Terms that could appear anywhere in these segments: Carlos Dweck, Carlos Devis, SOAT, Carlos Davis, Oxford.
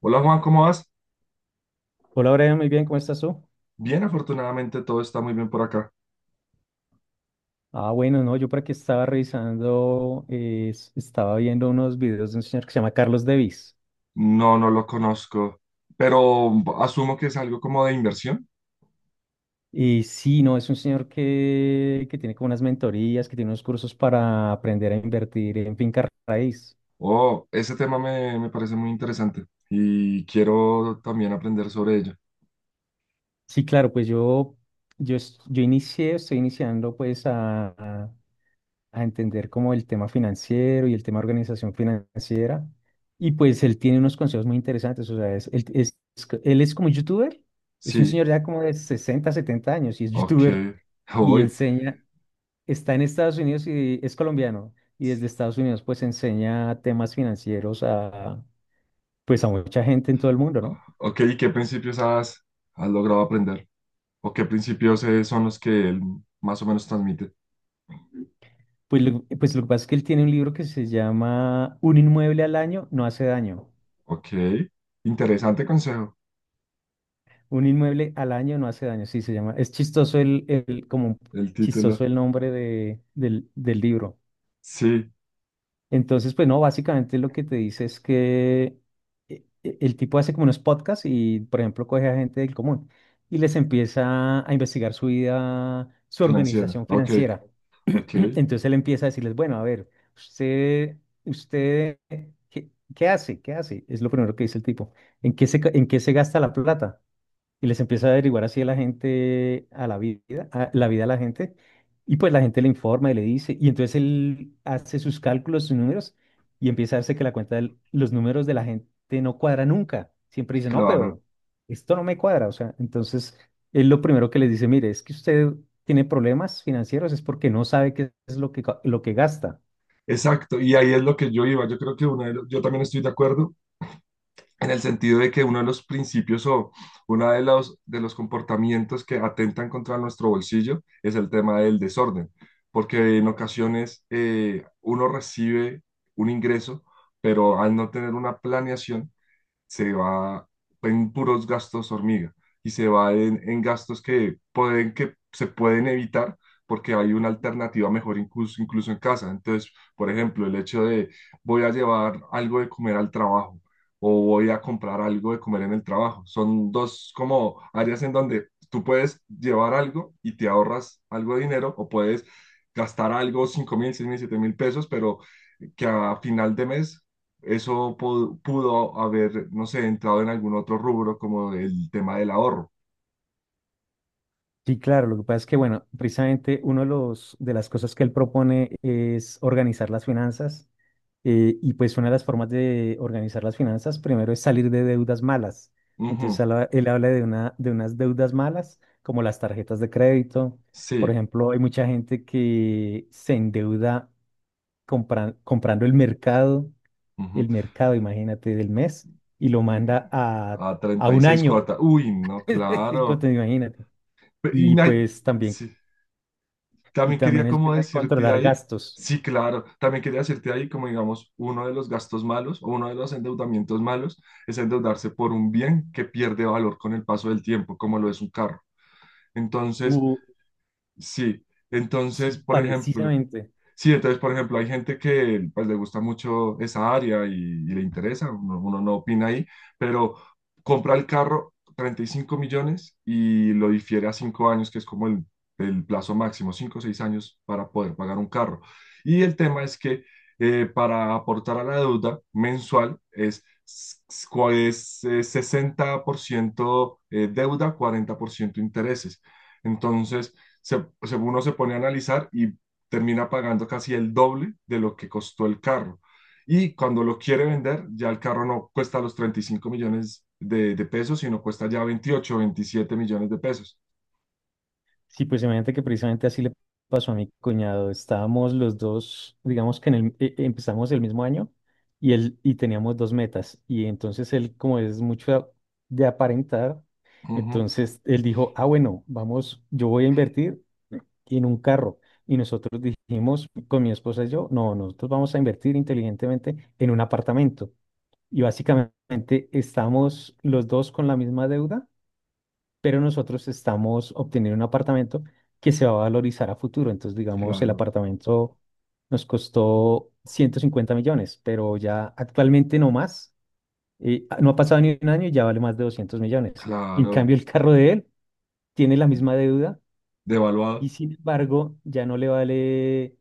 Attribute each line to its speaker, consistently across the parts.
Speaker 1: Hola Juan, ¿cómo vas?
Speaker 2: Hola, Brian, muy bien, ¿cómo estás tú?
Speaker 1: Bien, afortunadamente todo está muy bien por acá.
Speaker 2: Ah, bueno, no, yo por aquí estaba revisando, estaba viendo unos videos de un señor que se llama Carlos Devis.
Speaker 1: No, no lo conozco, pero asumo que es algo como de inversión.
Speaker 2: Y sí, no, es un señor que tiene como unas mentorías, que tiene unos cursos para aprender a invertir en finca raíz.
Speaker 1: Oh, ese tema me parece muy interesante y quiero también aprender sobre ello.
Speaker 2: Sí, claro, pues yo inicié, estoy iniciando pues a entender como el tema financiero y el tema organización financiera. Y pues él tiene unos consejos muy interesantes. O sea, él es como youtuber, es un
Speaker 1: Sí,
Speaker 2: señor ya como de 60 70 años y es
Speaker 1: ok,
Speaker 2: youtuber y
Speaker 1: hoy,
Speaker 2: enseña, está en Estados Unidos y es colombiano. Y desde Estados Unidos pues enseña temas financieros a mucha gente en todo el mundo, ¿no?
Speaker 1: ok, ¿y qué principios has logrado aprender? ¿O qué principios son los que él más o menos transmite?
Speaker 2: Pues lo que pasa es que él tiene un libro que se llama Un inmueble al año no hace daño.
Speaker 1: Ok, interesante consejo,
Speaker 2: Un inmueble al año no hace daño, sí se llama. Es chistoso como
Speaker 1: el
Speaker 2: chistoso
Speaker 1: título.
Speaker 2: el nombre del libro.
Speaker 1: Sí,
Speaker 2: Entonces, pues no, básicamente lo que te dice es que el tipo hace como unos podcasts y, por ejemplo, coge a gente del común y les empieza a investigar su vida, su
Speaker 1: financiera,
Speaker 2: organización
Speaker 1: ok,
Speaker 2: financiera.
Speaker 1: ok,
Speaker 2: Entonces él empieza a decirles, bueno, a ver, usted, usted, ¿qué, qué hace? ¿Qué hace? Es lo primero que dice el tipo. ¿En qué se gasta la plata? Y les empieza a averiguar así a la gente, a la vida, a la vida a la gente, y pues la gente le informa y le dice, y entonces él hace sus cálculos, sus números, y empieza a darse que la cuenta de los números de la gente no cuadra nunca. Siempre dice, no,
Speaker 1: claro.
Speaker 2: pero esto no me cuadra. O sea, entonces él lo primero que les dice, mire, es que usted tiene problemas financieros, es porque no sabe qué es lo que gasta.
Speaker 1: Exacto, y ahí es lo que yo iba. Yo creo que yo también estoy de acuerdo en el sentido de que uno de los principios o uno de de los comportamientos que atentan contra nuestro bolsillo es el tema del desorden, porque en ocasiones uno recibe un ingreso, pero al no tener una planeación, se va en puros gastos hormiga y se va en gastos que pueden, que se pueden evitar porque hay una alternativa mejor incluso, incluso en casa. Entonces, por ejemplo, el hecho de voy a llevar algo de comer al trabajo o voy a comprar algo de comer en el trabajo. Son dos como áreas en donde tú puedes llevar algo y te ahorras algo de dinero o puedes gastar algo, 5.000, 6.000, 7.000 pesos, pero que a final de mes pudo haber, no sé, entrado en algún otro rubro como el tema del ahorro.
Speaker 2: Sí, claro, lo que pasa es que, bueno, precisamente uno de las cosas que él propone es organizar las finanzas, y pues una de las formas de organizar las finanzas primero es salir de deudas malas. Entonces
Speaker 1: Ujú.
Speaker 2: él habla de unas deudas malas como las tarjetas de crédito. Por
Speaker 1: Sí.
Speaker 2: ejemplo, hay mucha gente que se endeuda comprando el mercado,
Speaker 1: Ujú.
Speaker 2: el mercado, imagínate, del mes y lo
Speaker 1: Y-
Speaker 2: manda a,
Speaker 1: A
Speaker 2: a un
Speaker 1: 36
Speaker 2: año.
Speaker 1: cuotas. Uy, no, claro.
Speaker 2: Imagínate.
Speaker 1: Pe- Y
Speaker 2: Y
Speaker 1: na-
Speaker 2: pues también
Speaker 1: sí,
Speaker 2: Y
Speaker 1: también quería
Speaker 2: también el
Speaker 1: como
Speaker 2: tema de
Speaker 1: decirte
Speaker 2: controlar
Speaker 1: ahí,
Speaker 2: gastos.
Speaker 1: sí, claro, también quería decirte ahí como digamos, uno de los gastos malos o uno de los endeudamientos malos es endeudarse por un bien que pierde valor con el paso del tiempo, como lo es un carro. Entonces,
Speaker 2: Uh,
Speaker 1: sí, entonces,
Speaker 2: sí,
Speaker 1: por ejemplo,
Speaker 2: precisamente.
Speaker 1: Hay gente que pues le gusta mucho esa área y le interesa, uno no opina ahí, pero compra el carro 35 millones y lo difiere a 5 años, que es como el plazo máximo, 5 o 6 años para poder pagar un carro. Y el tema es que para aportar a la deuda mensual es 60% deuda, 40% intereses. Entonces, uno se pone a analizar y termina pagando casi el doble de lo que costó el carro. Y cuando lo quiere vender, ya el carro no cuesta los 35 millones de pesos, sino cuesta ya veintiocho veintisiete millones de pesos.
Speaker 2: Sí, pues imagínate que precisamente así le pasó a mi cuñado. Estábamos los dos, digamos que en el, e- e- empezamos el mismo año y teníamos dos metas. Y entonces él, como es mucho de aparentar,
Speaker 1: Ujú,
Speaker 2: entonces él dijo, ah, bueno, vamos, yo voy a invertir en un carro. Y nosotros dijimos, con mi esposa y yo, no, nosotros vamos a invertir inteligentemente en un apartamento. Y básicamente estamos los dos con la misma deuda, pero nosotros estamos obteniendo un apartamento que se va a valorizar a futuro. Entonces, digamos, el
Speaker 1: claro,
Speaker 2: apartamento nos costó 150 millones, pero ya actualmente no más. No ha pasado ni un año y ya vale más de 200 millones. En
Speaker 1: claro,
Speaker 2: cambio, el carro de él tiene la misma deuda
Speaker 1: devaluado.
Speaker 2: y sin embargo ya no le vale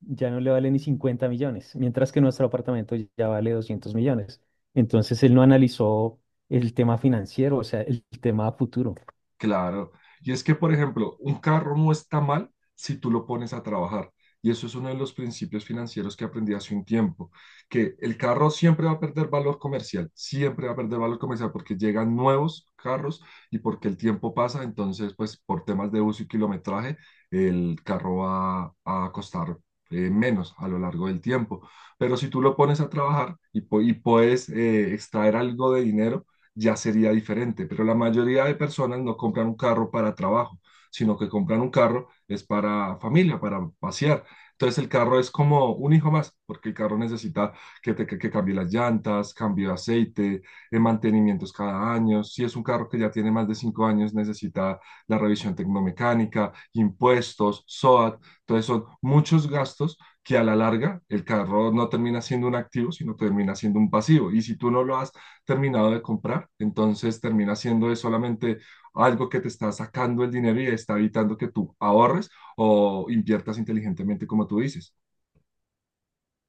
Speaker 2: ya no le vale ni 50 millones, mientras que nuestro apartamento ya vale 200 millones. Entonces él no analizó el tema financiero, o sea, el tema a futuro.
Speaker 1: Claro. Y es que, por ejemplo, un carro no está mal si tú lo pones a trabajar. Y eso es uno de los principios financieros que aprendí hace un tiempo, que el carro siempre va a perder valor comercial, siempre va a perder valor comercial porque llegan nuevos carros y porque el tiempo pasa, entonces, pues por temas de uso y kilometraje, el carro va a costar menos a lo largo del tiempo. Pero si tú lo pones a trabajar y puedes extraer algo de dinero, ya sería diferente. Pero la mayoría de personas no compran un carro para trabajo, sino que compran un carro es para familia, para pasear. Entonces el carro es como un hijo más, porque el carro necesita que cambie las llantas, cambio de aceite, mantenimientos cada año. Si es un carro que ya tiene más de 5 años, necesita la revisión tecnomecánica, impuestos, SOAT. Entonces son muchos gastos que a la larga el carro no termina siendo un activo, sino termina siendo un pasivo. Y si tú no lo has terminado de comprar. Entonces termina siendo es solamente algo que te está sacando el dinero y está evitando que tú ahorres o inviertas inteligentemente, como tú dices.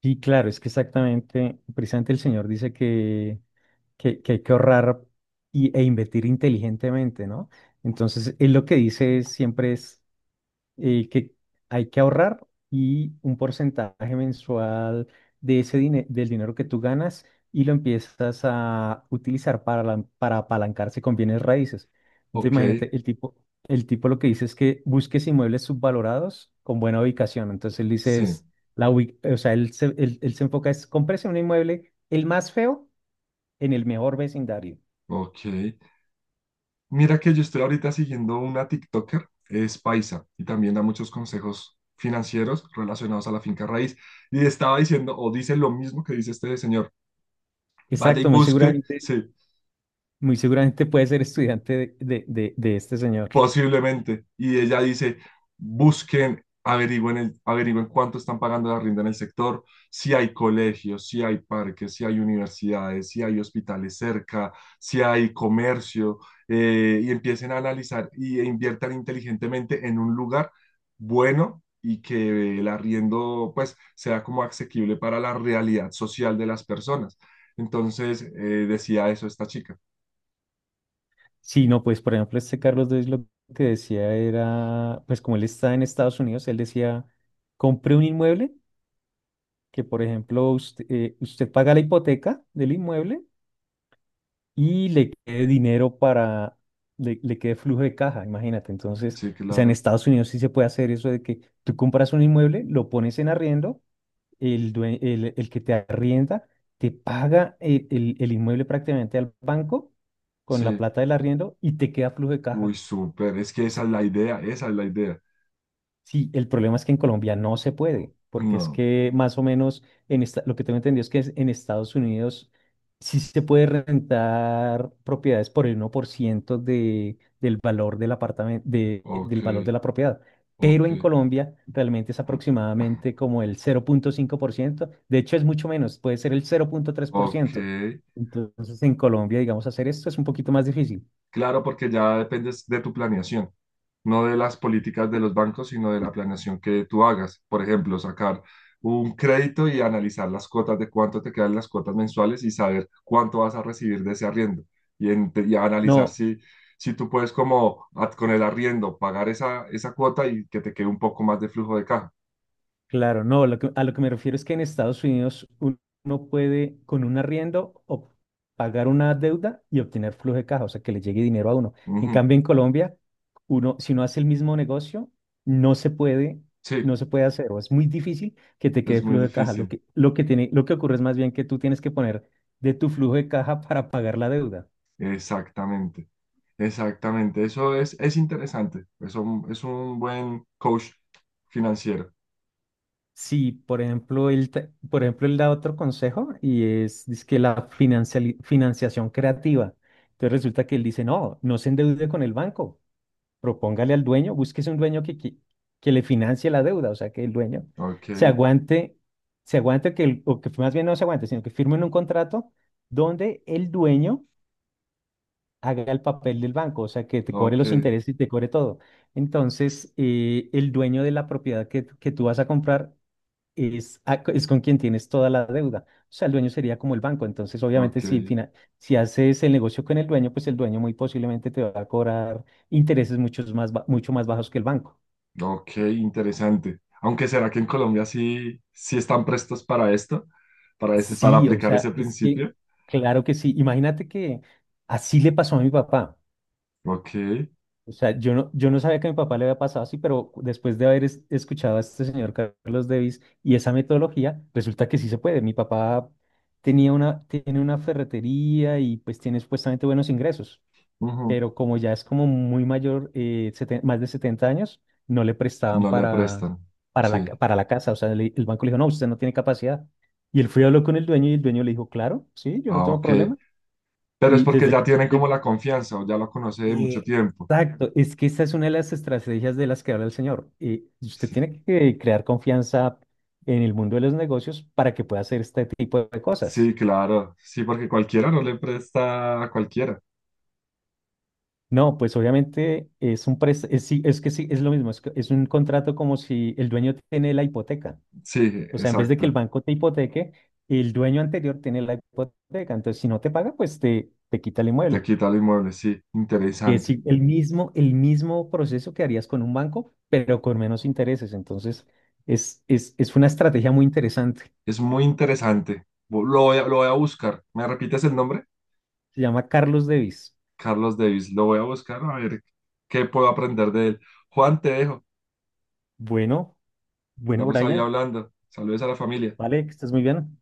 Speaker 2: Y claro, es que exactamente, precisamente el señor dice que hay que ahorrar e invertir inteligentemente, ¿no? Entonces él lo que dice es, siempre es, que hay que ahorrar y un porcentaje mensual de del dinero que tú ganas y lo empiezas a utilizar para apalancarse con bienes raíces. Entonces,
Speaker 1: Ok,
Speaker 2: imagínate, el tipo lo que dice es que busques inmuebles subvalorados con buena ubicación. Entonces, él dice,
Speaker 1: sí,
Speaker 2: o sea, él se enfoca es comprarse un inmueble el más feo en el mejor vecindario.
Speaker 1: ok. Mira que yo estoy ahorita siguiendo una TikToker, es paisa y también da muchos consejos financieros relacionados a la finca raíz. Y estaba diciendo, o dice lo mismo que dice este señor, vaya y
Speaker 2: Exacto, muy
Speaker 1: busque,
Speaker 2: seguramente,
Speaker 1: sí,
Speaker 2: muy seguramente puede ser estudiante de este señor.
Speaker 1: posiblemente. Y ella dice, busquen, averigüen, el, averigüen cuánto están pagando la renta en el sector, si hay colegios, si hay parques, si hay universidades, si hay hospitales cerca, si hay comercio, y empiecen a analizar e inviertan inteligentemente en un lugar bueno y que el arriendo pues sea como asequible para la realidad social de las personas. Entonces, decía eso esta chica.
Speaker 2: Sí, no, pues por ejemplo, este Carlos Dweck lo que decía era, pues como él está en Estados Unidos, él decía, compre un inmueble, que por ejemplo usted paga la hipoteca del inmueble y le quede dinero le quede flujo de caja, imagínate. Entonces,
Speaker 1: Sí,
Speaker 2: o sea, en
Speaker 1: claro.
Speaker 2: Estados Unidos sí se puede hacer eso de que tú compras un inmueble, lo pones en arriendo, el que te arrienda te paga el inmueble prácticamente al banco con la
Speaker 1: Sí.
Speaker 2: plata del arriendo y te queda flujo de
Speaker 1: Uy,
Speaker 2: caja.
Speaker 1: súper, es que esa es la idea, esa es la idea.
Speaker 2: Sí, el problema es que en Colombia no se puede, porque es
Speaker 1: No,
Speaker 2: que más o menos lo que tengo entendido es en Estados Unidos sí se puede rentar propiedades por el 1% del valor del apartamento, de,
Speaker 1: ok,
Speaker 2: del valor de la propiedad, pero
Speaker 1: ok,
Speaker 2: en Colombia realmente es aproximadamente como el 0,5%, de hecho es mucho menos, puede ser el cero punto tres por
Speaker 1: ok.
Speaker 2: ciento. Entonces en Colombia, digamos, hacer esto es un poquito más difícil.
Speaker 1: Claro, porque ya dependes de tu planeación, no de las políticas de los bancos, sino de la planeación que tú hagas. Por ejemplo, sacar un crédito y analizar las cuotas de cuánto te quedan las cuotas mensuales y saber cuánto vas a recibir de ese arriendo. Y analizar
Speaker 2: No,
Speaker 1: si tú puedes como ad- con el arriendo pagar esa cuota y que te quede un poco más de flujo de caja.
Speaker 2: claro, no, a lo que me refiero es que en Estados Unidos uno puede con un arriendo o pagar una deuda y obtener flujo de caja, o sea, que le llegue dinero a uno. En
Speaker 1: Ujú.
Speaker 2: cambio, en Colombia, uno, si no hace el mismo negocio, no se puede,
Speaker 1: Sí.
Speaker 2: no se puede hacer, o es muy difícil que te quede
Speaker 1: Es muy
Speaker 2: flujo de caja. Lo
Speaker 1: difícil.
Speaker 2: que, lo que tiene, lo que ocurre es más bien que tú tienes que poner de tu flujo de caja para pagar la deuda.
Speaker 1: Exactamente, exactamente. Es interesante. Es un buen coach financiero.
Speaker 2: Sí, por ejemplo, él da otro consejo y es, que la financiación creativa. Entonces resulta que él dice, no, no se endeude con el banco, propóngale al dueño, búsquese un dueño que le financie la deuda, o sea, que el dueño
Speaker 1: Ok,
Speaker 2: se aguante, se aguante, o que más bien no se aguante, sino que firmen un contrato donde el dueño haga el papel del banco, o sea, que te cobre
Speaker 1: ok,
Speaker 2: los intereses y te cobre todo. Entonces, el dueño de la propiedad que tú vas a comprar es con quien tienes toda la deuda. O sea, el dueño sería como el banco. Entonces,
Speaker 1: ok,
Speaker 2: obviamente, si haces el negocio con el dueño, pues el dueño muy posiblemente te va a cobrar intereses mucho más bajos que el banco.
Speaker 1: ok, interesante. Aunque será que en Colombia sí, sí están prestos para esto, para ese, para
Speaker 2: Sí, o
Speaker 1: aplicar ese
Speaker 2: sea, es que,
Speaker 1: principio.
Speaker 2: claro que sí. Imagínate que así le pasó a mi papá.
Speaker 1: Ok,
Speaker 2: O sea, yo no sabía que a mi papá le había pasado así, pero después de haber escuchado a este señor Carlos Davis y esa metodología, resulta que sí se puede. Mi papá tiene una ferretería y pues tiene supuestamente buenos ingresos,
Speaker 1: ujú,
Speaker 2: pero como ya es como muy mayor, más de 70 años, no le prestaban
Speaker 1: no le
Speaker 2: para,
Speaker 1: prestan.
Speaker 2: para
Speaker 1: Sí,
Speaker 2: la, ca- para la casa. O sea, el banco le dijo, no, usted no tiene capacidad. Y él fue y habló con el dueño y el dueño le dijo, claro, sí, yo no
Speaker 1: ah,
Speaker 2: tengo
Speaker 1: ok.
Speaker 2: problema.
Speaker 1: Pero es
Speaker 2: Y
Speaker 1: porque
Speaker 2: desde
Speaker 1: ya
Speaker 2: que
Speaker 1: tienen
Speaker 2: usted...
Speaker 1: como la confianza o ya lo conoce de mucho tiempo.
Speaker 2: Exacto, es que esta es una de las estrategias de las que habla el señor. Y usted
Speaker 1: Sí.
Speaker 2: tiene que crear confianza en el mundo de los negocios para que pueda hacer este tipo de cosas.
Speaker 1: Sí, claro. Sí, porque cualquiera no le presta a cualquiera.
Speaker 2: No, pues obviamente es un pres- es, sí, es que sí, es lo mismo, es un contrato como si el dueño tiene la hipoteca.
Speaker 1: Sí,
Speaker 2: O sea, en vez de que el
Speaker 1: exacto.
Speaker 2: banco te hipoteque, el dueño anterior tiene la hipoteca. Entonces, si no te paga, pues te quita el
Speaker 1: Te
Speaker 2: inmueble.
Speaker 1: quita el inmueble. Sí,
Speaker 2: Que
Speaker 1: interesante.
Speaker 2: el mismo, proceso que harías con un banco, pero con menos intereses. Entonces, es una estrategia muy interesante.
Speaker 1: Es muy interesante. Lo voy a buscar. ¿Me repites el nombre?
Speaker 2: Se llama Carlos Davis.
Speaker 1: Carlos Davis. Lo voy a buscar a ver qué puedo aprender de él. Juan, te dejo.
Speaker 2: Bueno, bueno,
Speaker 1: Estamos ahí
Speaker 2: Brian,
Speaker 1: hablando. Saludos a la familia.
Speaker 2: vale, que estés muy bien.